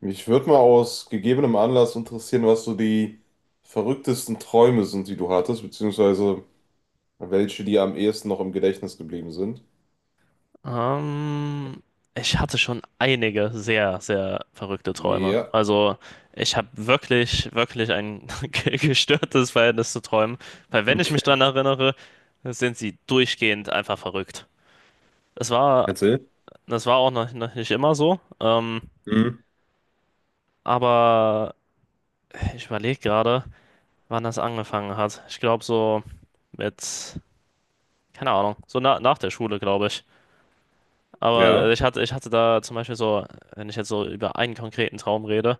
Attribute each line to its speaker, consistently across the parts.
Speaker 1: Mich würde mal aus gegebenem Anlass interessieren, was so die verrücktesten Träume sind, die du hattest, beziehungsweise welche dir am ehesten noch im Gedächtnis geblieben sind.
Speaker 2: Ähm, Ich hatte schon einige sehr, sehr verrückte Träume.
Speaker 1: Ja,
Speaker 2: Also ich habe wirklich, wirklich ein gestörtes Verhältnis zu Träumen, weil wenn ich mich daran
Speaker 1: okay.
Speaker 2: erinnere, sind sie durchgehend einfach verrückt. Das war,
Speaker 1: Erzähl.
Speaker 2: das war auch noch nicht immer so,
Speaker 1: Mhm.
Speaker 2: aber ich überlege gerade, wann das angefangen hat. Ich glaube so mit, keine Ahnung, so na, nach der Schule, glaube ich. Aber
Speaker 1: Ja.
Speaker 2: ich hatte da zum Beispiel so, wenn ich jetzt so über einen konkreten Traum rede,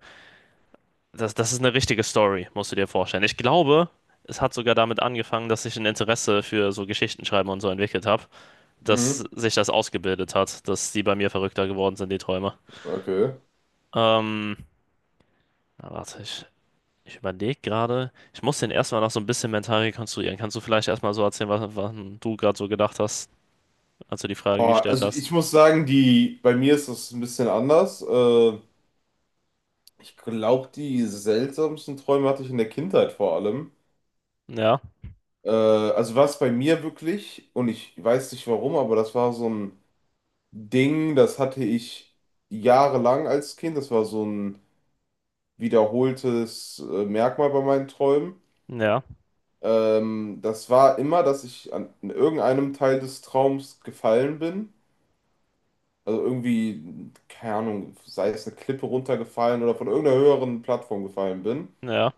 Speaker 2: das ist eine richtige Story, musst du dir vorstellen. Ich glaube, es hat sogar damit angefangen, dass ich ein Interesse für so Geschichtenschreiben und so entwickelt habe, dass
Speaker 1: Mhm.
Speaker 2: sich das ausgebildet hat, dass die bei mir verrückter geworden sind, die Träume.
Speaker 1: Okay.
Speaker 2: Ähm, na, warte, ich überlege gerade. Ich muss den erstmal noch so ein bisschen mental rekonstruieren. Kannst du vielleicht erstmal so erzählen, was du gerade so gedacht hast, als du die Frage
Speaker 1: Boah,
Speaker 2: gestellt
Speaker 1: also
Speaker 2: hast?
Speaker 1: ich muss sagen, die, bei mir ist das ein bisschen anders. Ich glaube, die seltsamsten Träume hatte ich in der Kindheit vor allem.
Speaker 2: Ja,
Speaker 1: Also war es bei mir wirklich, und ich weiß nicht warum, aber das war so ein Ding, das hatte ich jahrelang als Kind. Das war so ein wiederholtes Merkmal bei meinen Träumen.
Speaker 2: ja,
Speaker 1: Das war immer, dass ich an in irgendeinem Teil des Traums gefallen bin. Also irgendwie, keine Ahnung, sei es eine Klippe runtergefallen oder von irgendeiner höheren Plattform gefallen bin.
Speaker 2: ja.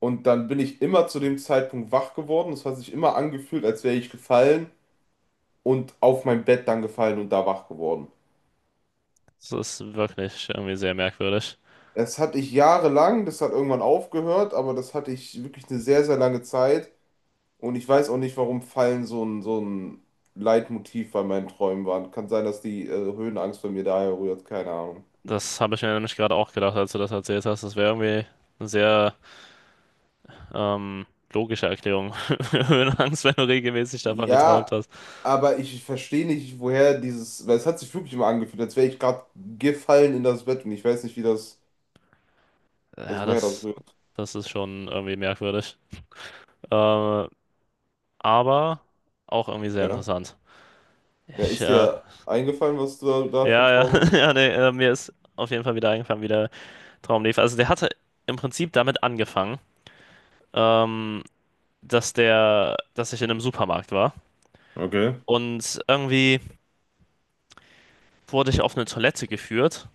Speaker 1: Und dann bin ich immer zu dem Zeitpunkt wach geworden. Das hat sich immer angefühlt, als wäre ich gefallen und auf mein Bett dann gefallen und da wach geworden.
Speaker 2: Das ist wirklich irgendwie sehr merkwürdig.
Speaker 1: Das hatte ich jahrelang, das hat irgendwann aufgehört, aber das hatte ich wirklich eine sehr, sehr lange Zeit. Und ich weiß auch nicht, warum Fallen so ein Leitmotiv bei meinen Träumen waren. Kann sein, dass die Höhenangst bei mir daher rührt, keine Ahnung.
Speaker 2: Das habe ich mir nämlich gerade auch gedacht, als du das erzählt hast. Das wäre irgendwie ein sehr Ähm, logische Erklärung für eine Angst, wenn du regelmäßig davon geträumt
Speaker 1: Ja,
Speaker 2: hast.
Speaker 1: aber ich verstehe nicht, woher dieses, weil es hat sich wirklich immer angefühlt, als wäre ich gerade gefallen in das Bett und ich weiß nicht, wie das, also
Speaker 2: Ja,
Speaker 1: woher das
Speaker 2: das,
Speaker 1: rührt.
Speaker 2: das ist schon irgendwie merkwürdig. Äh, aber auch irgendwie sehr
Speaker 1: Ja.
Speaker 2: interessant.
Speaker 1: Ja,
Speaker 2: Ich,
Speaker 1: ist
Speaker 2: äh,
Speaker 1: dir eingefallen, was du da für ein
Speaker 2: ja,
Speaker 1: Traum
Speaker 2: ja,
Speaker 1: hattest?
Speaker 2: ja, nee, mir ist auf jeden Fall wieder eingefallen, wie der Traum lief. Also der hatte im Prinzip damit angefangen, ähm, dass ich in einem Supermarkt war
Speaker 1: Okay.
Speaker 2: und irgendwie wurde ich auf eine Toilette geführt.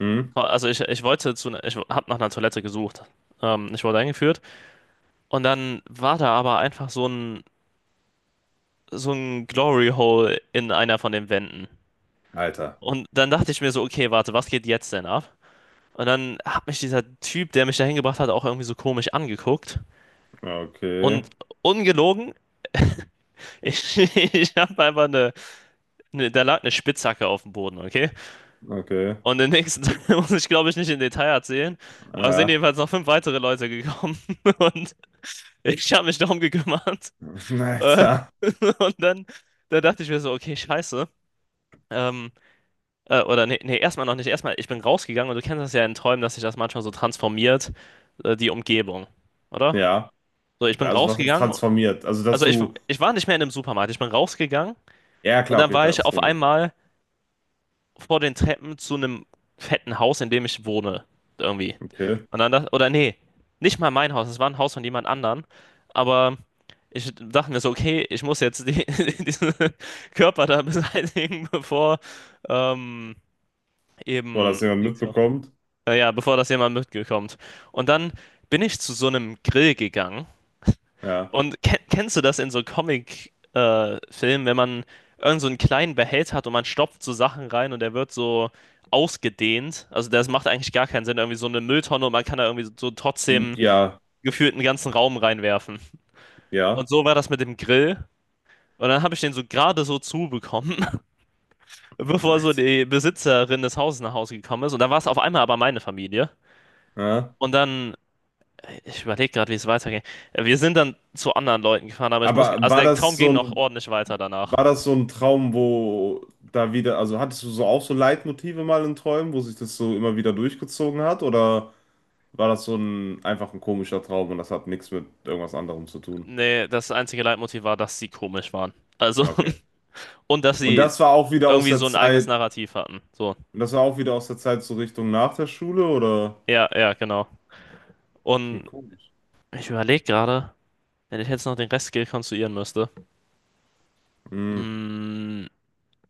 Speaker 1: Hm.
Speaker 2: Also ich wollte ne, ich habe nach einer Toilette gesucht. Ich wurde eingeführt. Und dann war da aber einfach so ein Glory Hole in einer von den Wänden.
Speaker 1: Alter.
Speaker 2: Und dann dachte ich mir so, okay, warte, was geht jetzt denn ab? Und dann hat mich dieser Typ, der mich da hingebracht hat, auch irgendwie so komisch angeguckt.
Speaker 1: Okay.
Speaker 2: Und ungelogen, ich, ich habe einfach da lag eine Spitzhacke auf dem Boden, okay?
Speaker 1: Okay.
Speaker 2: Und den nächsten Tag muss ich, glaube ich, nicht im Detail erzählen, aber es sind
Speaker 1: Ja.
Speaker 2: jedenfalls noch fünf weitere Leute gekommen und ich habe mich darum gekümmert. Äh,
Speaker 1: Alter.
Speaker 2: Und dann dachte ich mir so, okay, scheiße. Ähm, oder nee, nee, erstmal noch nicht. Erstmal, ich bin rausgegangen und du kennst das ja in Träumen, dass sich das manchmal so transformiert, die Umgebung, oder?
Speaker 1: Ja,
Speaker 2: So, ich bin
Speaker 1: also was heißt
Speaker 2: rausgegangen,
Speaker 1: transformiert? Also, dass
Speaker 2: also ich,
Speaker 1: du.
Speaker 2: ich war nicht mehr in einem Supermarkt, ich bin rausgegangen
Speaker 1: Ja,
Speaker 2: und
Speaker 1: klar,
Speaker 2: dann
Speaker 1: okay,
Speaker 2: war ich
Speaker 1: das
Speaker 2: auf
Speaker 1: Gimmick.
Speaker 2: einmal vor den Treppen zu einem fetten Haus, in dem ich wohne, irgendwie.
Speaker 1: Okay.
Speaker 2: Und dann oder nee, nicht mal mein Haus, es war ein Haus von jemand anderem, aber ich dachte mir so, okay, ich muss jetzt die, diesen Körper da beseitigen, ähm,
Speaker 1: Boah, dass
Speaker 2: eben
Speaker 1: jemand mitbekommt.
Speaker 2: Ja, bevor das jemand mitgekommt. Und dann bin ich zu so einem Grill gegangen.
Speaker 1: Ja.
Speaker 2: Und kennst du das in so Comic-Filmen, wenn man irgend so einen kleinen Behälter hat und man stopft so Sachen rein und der wird so ausgedehnt? Also das macht eigentlich gar keinen Sinn. Irgendwie so eine Mülltonne und man kann da irgendwie so trotzdem
Speaker 1: Ja,
Speaker 2: gefühlt einen ganzen Raum reinwerfen. Und
Speaker 1: ja.
Speaker 2: so war das mit dem Grill. Und dann habe ich den so gerade so zubekommen, bevor so
Speaker 1: Alter.
Speaker 2: die Besitzerin des Hauses nach Hause gekommen ist. Und dann war es auf einmal aber meine Familie.
Speaker 1: Ja.
Speaker 2: Und dann Ich überlege gerade, wie es weitergeht. Wir sind dann zu anderen Leuten gefahren, aber ich muss.
Speaker 1: Aber
Speaker 2: Also
Speaker 1: war
Speaker 2: der Traum
Speaker 1: das
Speaker 2: ging
Speaker 1: so
Speaker 2: noch
Speaker 1: ein,
Speaker 2: ordentlich weiter danach.
Speaker 1: war das so ein Traum, wo da wieder, also hattest du so auch so Leitmotive mal in Träumen, wo sich das so immer wieder durchgezogen hat? Oder war das so ein einfach ein komischer Traum und das hat nichts mit irgendwas anderem zu tun?
Speaker 2: Nee, das einzige Leitmotiv war, dass sie komisch waren. Also,
Speaker 1: Ja, okay.
Speaker 2: und dass
Speaker 1: Und
Speaker 2: sie
Speaker 1: das war auch wieder aus
Speaker 2: irgendwie
Speaker 1: der
Speaker 2: so ein eigenes
Speaker 1: Zeit.
Speaker 2: Narrativ hatten. So.
Speaker 1: Und das war auch wieder aus der Zeit so Richtung nach der Schule, oder?
Speaker 2: Ja, ja, genau.
Speaker 1: Okay,
Speaker 2: Und
Speaker 1: komisch.
Speaker 2: ich überlege gerade, wenn ich jetzt noch den Rest rekonstruieren müsste.
Speaker 1: Hm,
Speaker 2: Mm,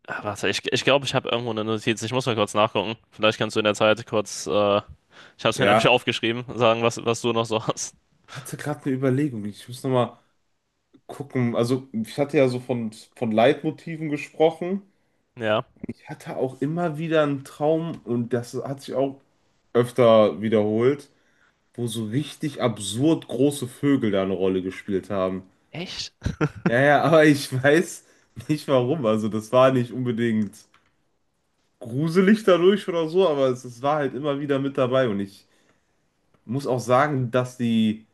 Speaker 2: ah, warte, ich glaube, ich habe irgendwo eine Notiz. Ich muss mal kurz nachgucken. Vielleicht kannst du in der Zeit kurz. Ich habe es mir nämlich
Speaker 1: ja,
Speaker 2: aufgeschrieben, sagen, was du noch so hast.
Speaker 1: ich hatte gerade eine Überlegung. Ich muss nochmal gucken. Also, ich hatte ja so von Leitmotiven gesprochen.
Speaker 2: Ja.
Speaker 1: Ich hatte auch immer wieder einen Traum, und das hat sich auch öfter wiederholt, wo so richtig absurd große Vögel da eine Rolle gespielt haben.
Speaker 2: Echt?
Speaker 1: Ja, ja, aber ich weiß nicht warum. Also, das war nicht unbedingt gruselig dadurch oder so, aber es war halt immer wieder mit dabei und ich muss auch sagen, dass die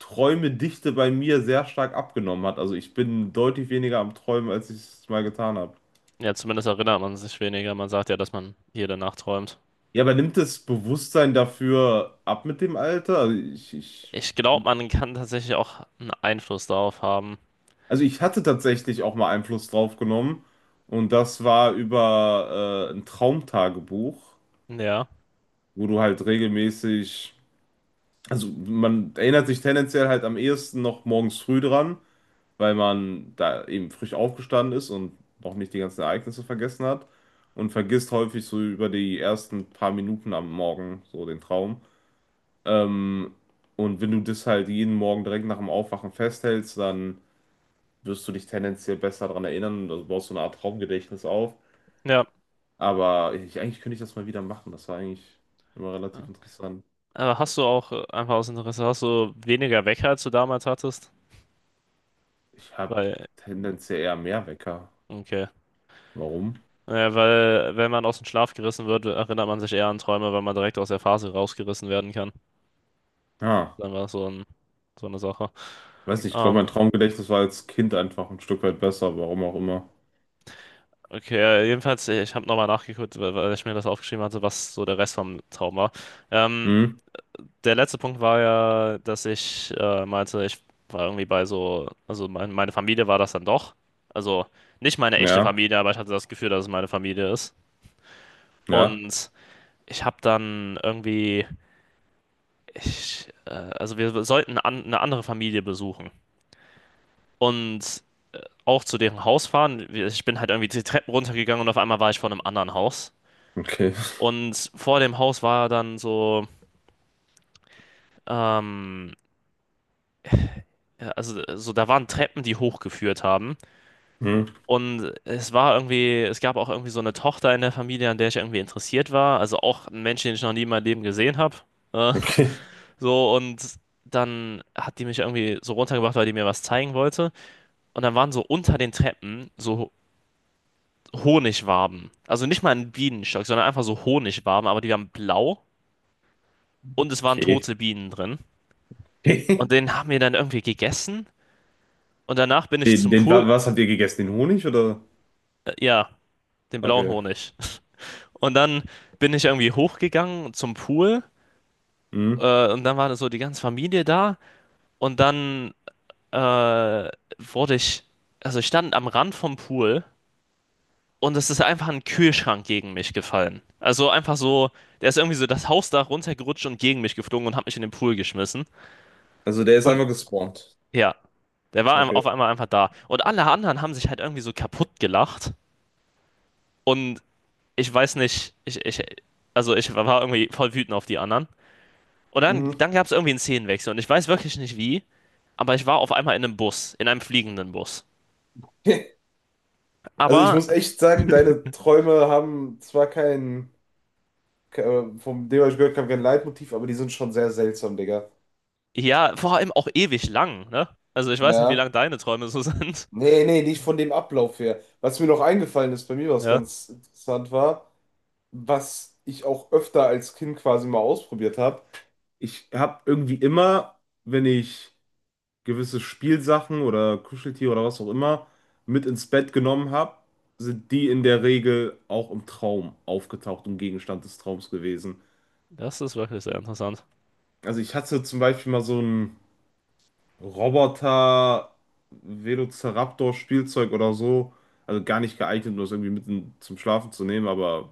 Speaker 1: Träumedichte bei mir sehr stark abgenommen hat. Also ich bin deutlich weniger am Träumen, als ich es mal getan habe.
Speaker 2: Ja, zumindest erinnert man sich weniger. Man sagt ja, dass man hier danach träumt.
Speaker 1: Ja, aber nimmt das Bewusstsein dafür ab mit dem Alter?
Speaker 2: Ich glaube, man kann tatsächlich auch einen Einfluss darauf haben.
Speaker 1: Also ich hatte tatsächlich auch mal Einfluss drauf genommen. Und das war über ein Traumtagebuch,
Speaker 2: Ja,
Speaker 1: wo du halt regelmäßig, also man erinnert sich tendenziell halt am ehesten noch morgens früh dran, weil man da eben frisch aufgestanden ist und noch nicht die ganzen Ereignisse vergessen hat und vergisst häufig so über die ersten paar Minuten am Morgen so den Traum. Ähm, und wenn du das halt jeden Morgen direkt nach dem Aufwachen festhältst, dann wirst du dich tendenziell besser daran erinnern, also baust so eine Art Traumgedächtnis auf.
Speaker 2: ja.
Speaker 1: Aber ich, eigentlich könnte ich das mal wieder machen. Das war eigentlich immer relativ interessant.
Speaker 2: Aber hast du auch, einfach aus Interesse, hast du weniger Wecker, als du damals hattest?
Speaker 1: Ich habe
Speaker 2: Weil,
Speaker 1: tendenziell eher mehr Wecker.
Speaker 2: okay.
Speaker 1: Warum?
Speaker 2: Ja, weil, wenn man aus dem Schlaf gerissen wird, erinnert man sich eher an Träume, weil man direkt aus der Phase rausgerissen werden kann.
Speaker 1: Ja.
Speaker 2: Dann war es so eine Sache.
Speaker 1: Weiß nicht, ich glaube, mein
Speaker 2: Ähm,
Speaker 1: Traumgedächtnis war als Kind einfach ein Stück weit besser, warum auch immer.
Speaker 2: okay, ja, jedenfalls, ich habe nochmal nachgeguckt, weil ich mir das aufgeschrieben hatte, was so der Rest vom Traum war. Ähm,
Speaker 1: Hm?
Speaker 2: Der letzte Punkt war ja, dass ich meinte, ich war irgendwie bei so, also meine Familie war das dann doch. Also nicht meine echte
Speaker 1: Ja,
Speaker 2: Familie, aber ich hatte das Gefühl, dass es meine Familie ist.
Speaker 1: ja,
Speaker 2: Und ich habe dann irgendwie, also wir sollten eine andere Familie besuchen und auch zu deren Haus fahren. Ich bin halt irgendwie die Treppen runtergegangen und auf einmal war ich vor einem anderen Haus.
Speaker 1: okay.
Speaker 2: Und vor dem Haus war dann so, ähm, ja, also so da waren Treppen, die hochgeführt haben.
Speaker 1: Hm?
Speaker 2: Und es war irgendwie, es gab auch irgendwie so eine Tochter in der Familie, an der ich irgendwie interessiert war. Also auch ein Mensch, den ich noch nie in meinem Leben gesehen habe. Äh,
Speaker 1: Okay.
Speaker 2: so, und dann hat die mich irgendwie so runtergebracht, weil die mir was zeigen wollte. Und dann waren so unter den Treppen so Honigwaben. Also nicht mal ein Bienenstock, sondern einfach so Honigwaben, aber die waren blau und es waren
Speaker 1: Okay.
Speaker 2: tote Bienen drin. Und den haben wir dann irgendwie gegessen. Und danach bin ich zum
Speaker 1: Wa-
Speaker 2: Pool.
Speaker 1: was habt ihr gegessen? Den Honig oder?
Speaker 2: Ja, den blauen
Speaker 1: Okay.
Speaker 2: Honig. Und dann bin ich irgendwie hochgegangen zum Pool.
Speaker 1: Hm?
Speaker 2: Und dann war das so die ganze Familie da. Und dann wurde ich, also ich stand am Rand vom Pool und es ist einfach ein Kühlschrank gegen mich gefallen. Also einfach so, der ist irgendwie so das Hausdach runtergerutscht und gegen mich geflogen und hat mich in den Pool geschmissen.
Speaker 1: Also der ist
Speaker 2: Und
Speaker 1: einfach gespawnt.
Speaker 2: ja, der war
Speaker 1: Okay.
Speaker 2: auf einmal einfach da. Und alle anderen haben sich halt irgendwie so kaputt gelacht. Und ich weiß nicht, also ich war irgendwie voll wütend auf die anderen. Und dann,
Speaker 1: Mhm.
Speaker 2: dann gab es irgendwie einen Szenenwechsel und ich weiß wirklich nicht wie, aber ich war auf einmal in einem Bus, in einem fliegenden Bus.
Speaker 1: Also ich
Speaker 2: Aber
Speaker 1: muss echt sagen, deine Träume haben zwar kein, ke- von dem, was ich gehört habe, kein Leitmotiv, aber die sind schon sehr seltsam, Digga.
Speaker 2: ja, vor allem auch ewig lang, ne? Also ich weiß nicht, wie
Speaker 1: Ja.
Speaker 2: lang deine Träume so sind.
Speaker 1: Nee, nee, nicht von dem Ablauf her. Was mir noch eingefallen ist, bei mir was
Speaker 2: Ja,
Speaker 1: ganz interessant war, was ich auch öfter als Kind quasi mal ausprobiert habe. Ich habe irgendwie immer, wenn ich gewisse Spielsachen oder Kuscheltiere oder was auch immer mit ins Bett genommen habe, sind die in der Regel auch im Traum aufgetaucht, im Gegenstand des Traums gewesen.
Speaker 2: das ist wirklich sehr interessant.
Speaker 1: Also ich hatte zum Beispiel mal so ein Roboter, Velociraptor, Spielzeug oder so. Also gar nicht geeignet, um das irgendwie mitten zum Schlafen zu nehmen, aber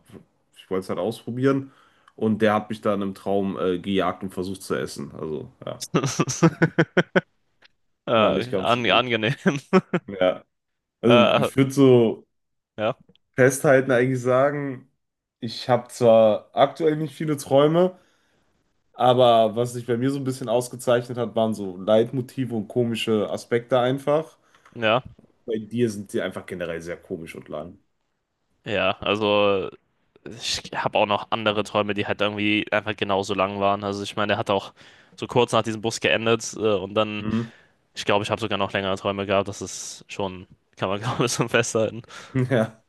Speaker 1: ich wollte es halt ausprobieren. Und der hat mich dann im Traum gejagt und versucht zu essen. Also ja, war nicht ganz so gut.
Speaker 2: Angenehm.
Speaker 1: Ja, also
Speaker 2: Äh,
Speaker 1: ich würde so
Speaker 2: ja,
Speaker 1: festhalten eigentlich sagen, ich habe zwar aktuell nicht viele Träume, aber was sich bei mir so ein bisschen ausgezeichnet hat, waren so Leitmotive und komische Aspekte einfach.
Speaker 2: ja,
Speaker 1: Bei dir sind die einfach generell sehr komisch und lang.
Speaker 2: ja. Also ich habe auch noch andere Träume, die halt irgendwie einfach genauso lang waren. Also ich meine, er hat auch so kurz nach diesem Bus geendet und dann,
Speaker 1: Mhm.
Speaker 2: ich glaube, ich habe sogar noch längere Träume gehabt. Das ist schon, kann man glaube ich schon festhalten.
Speaker 1: Ja.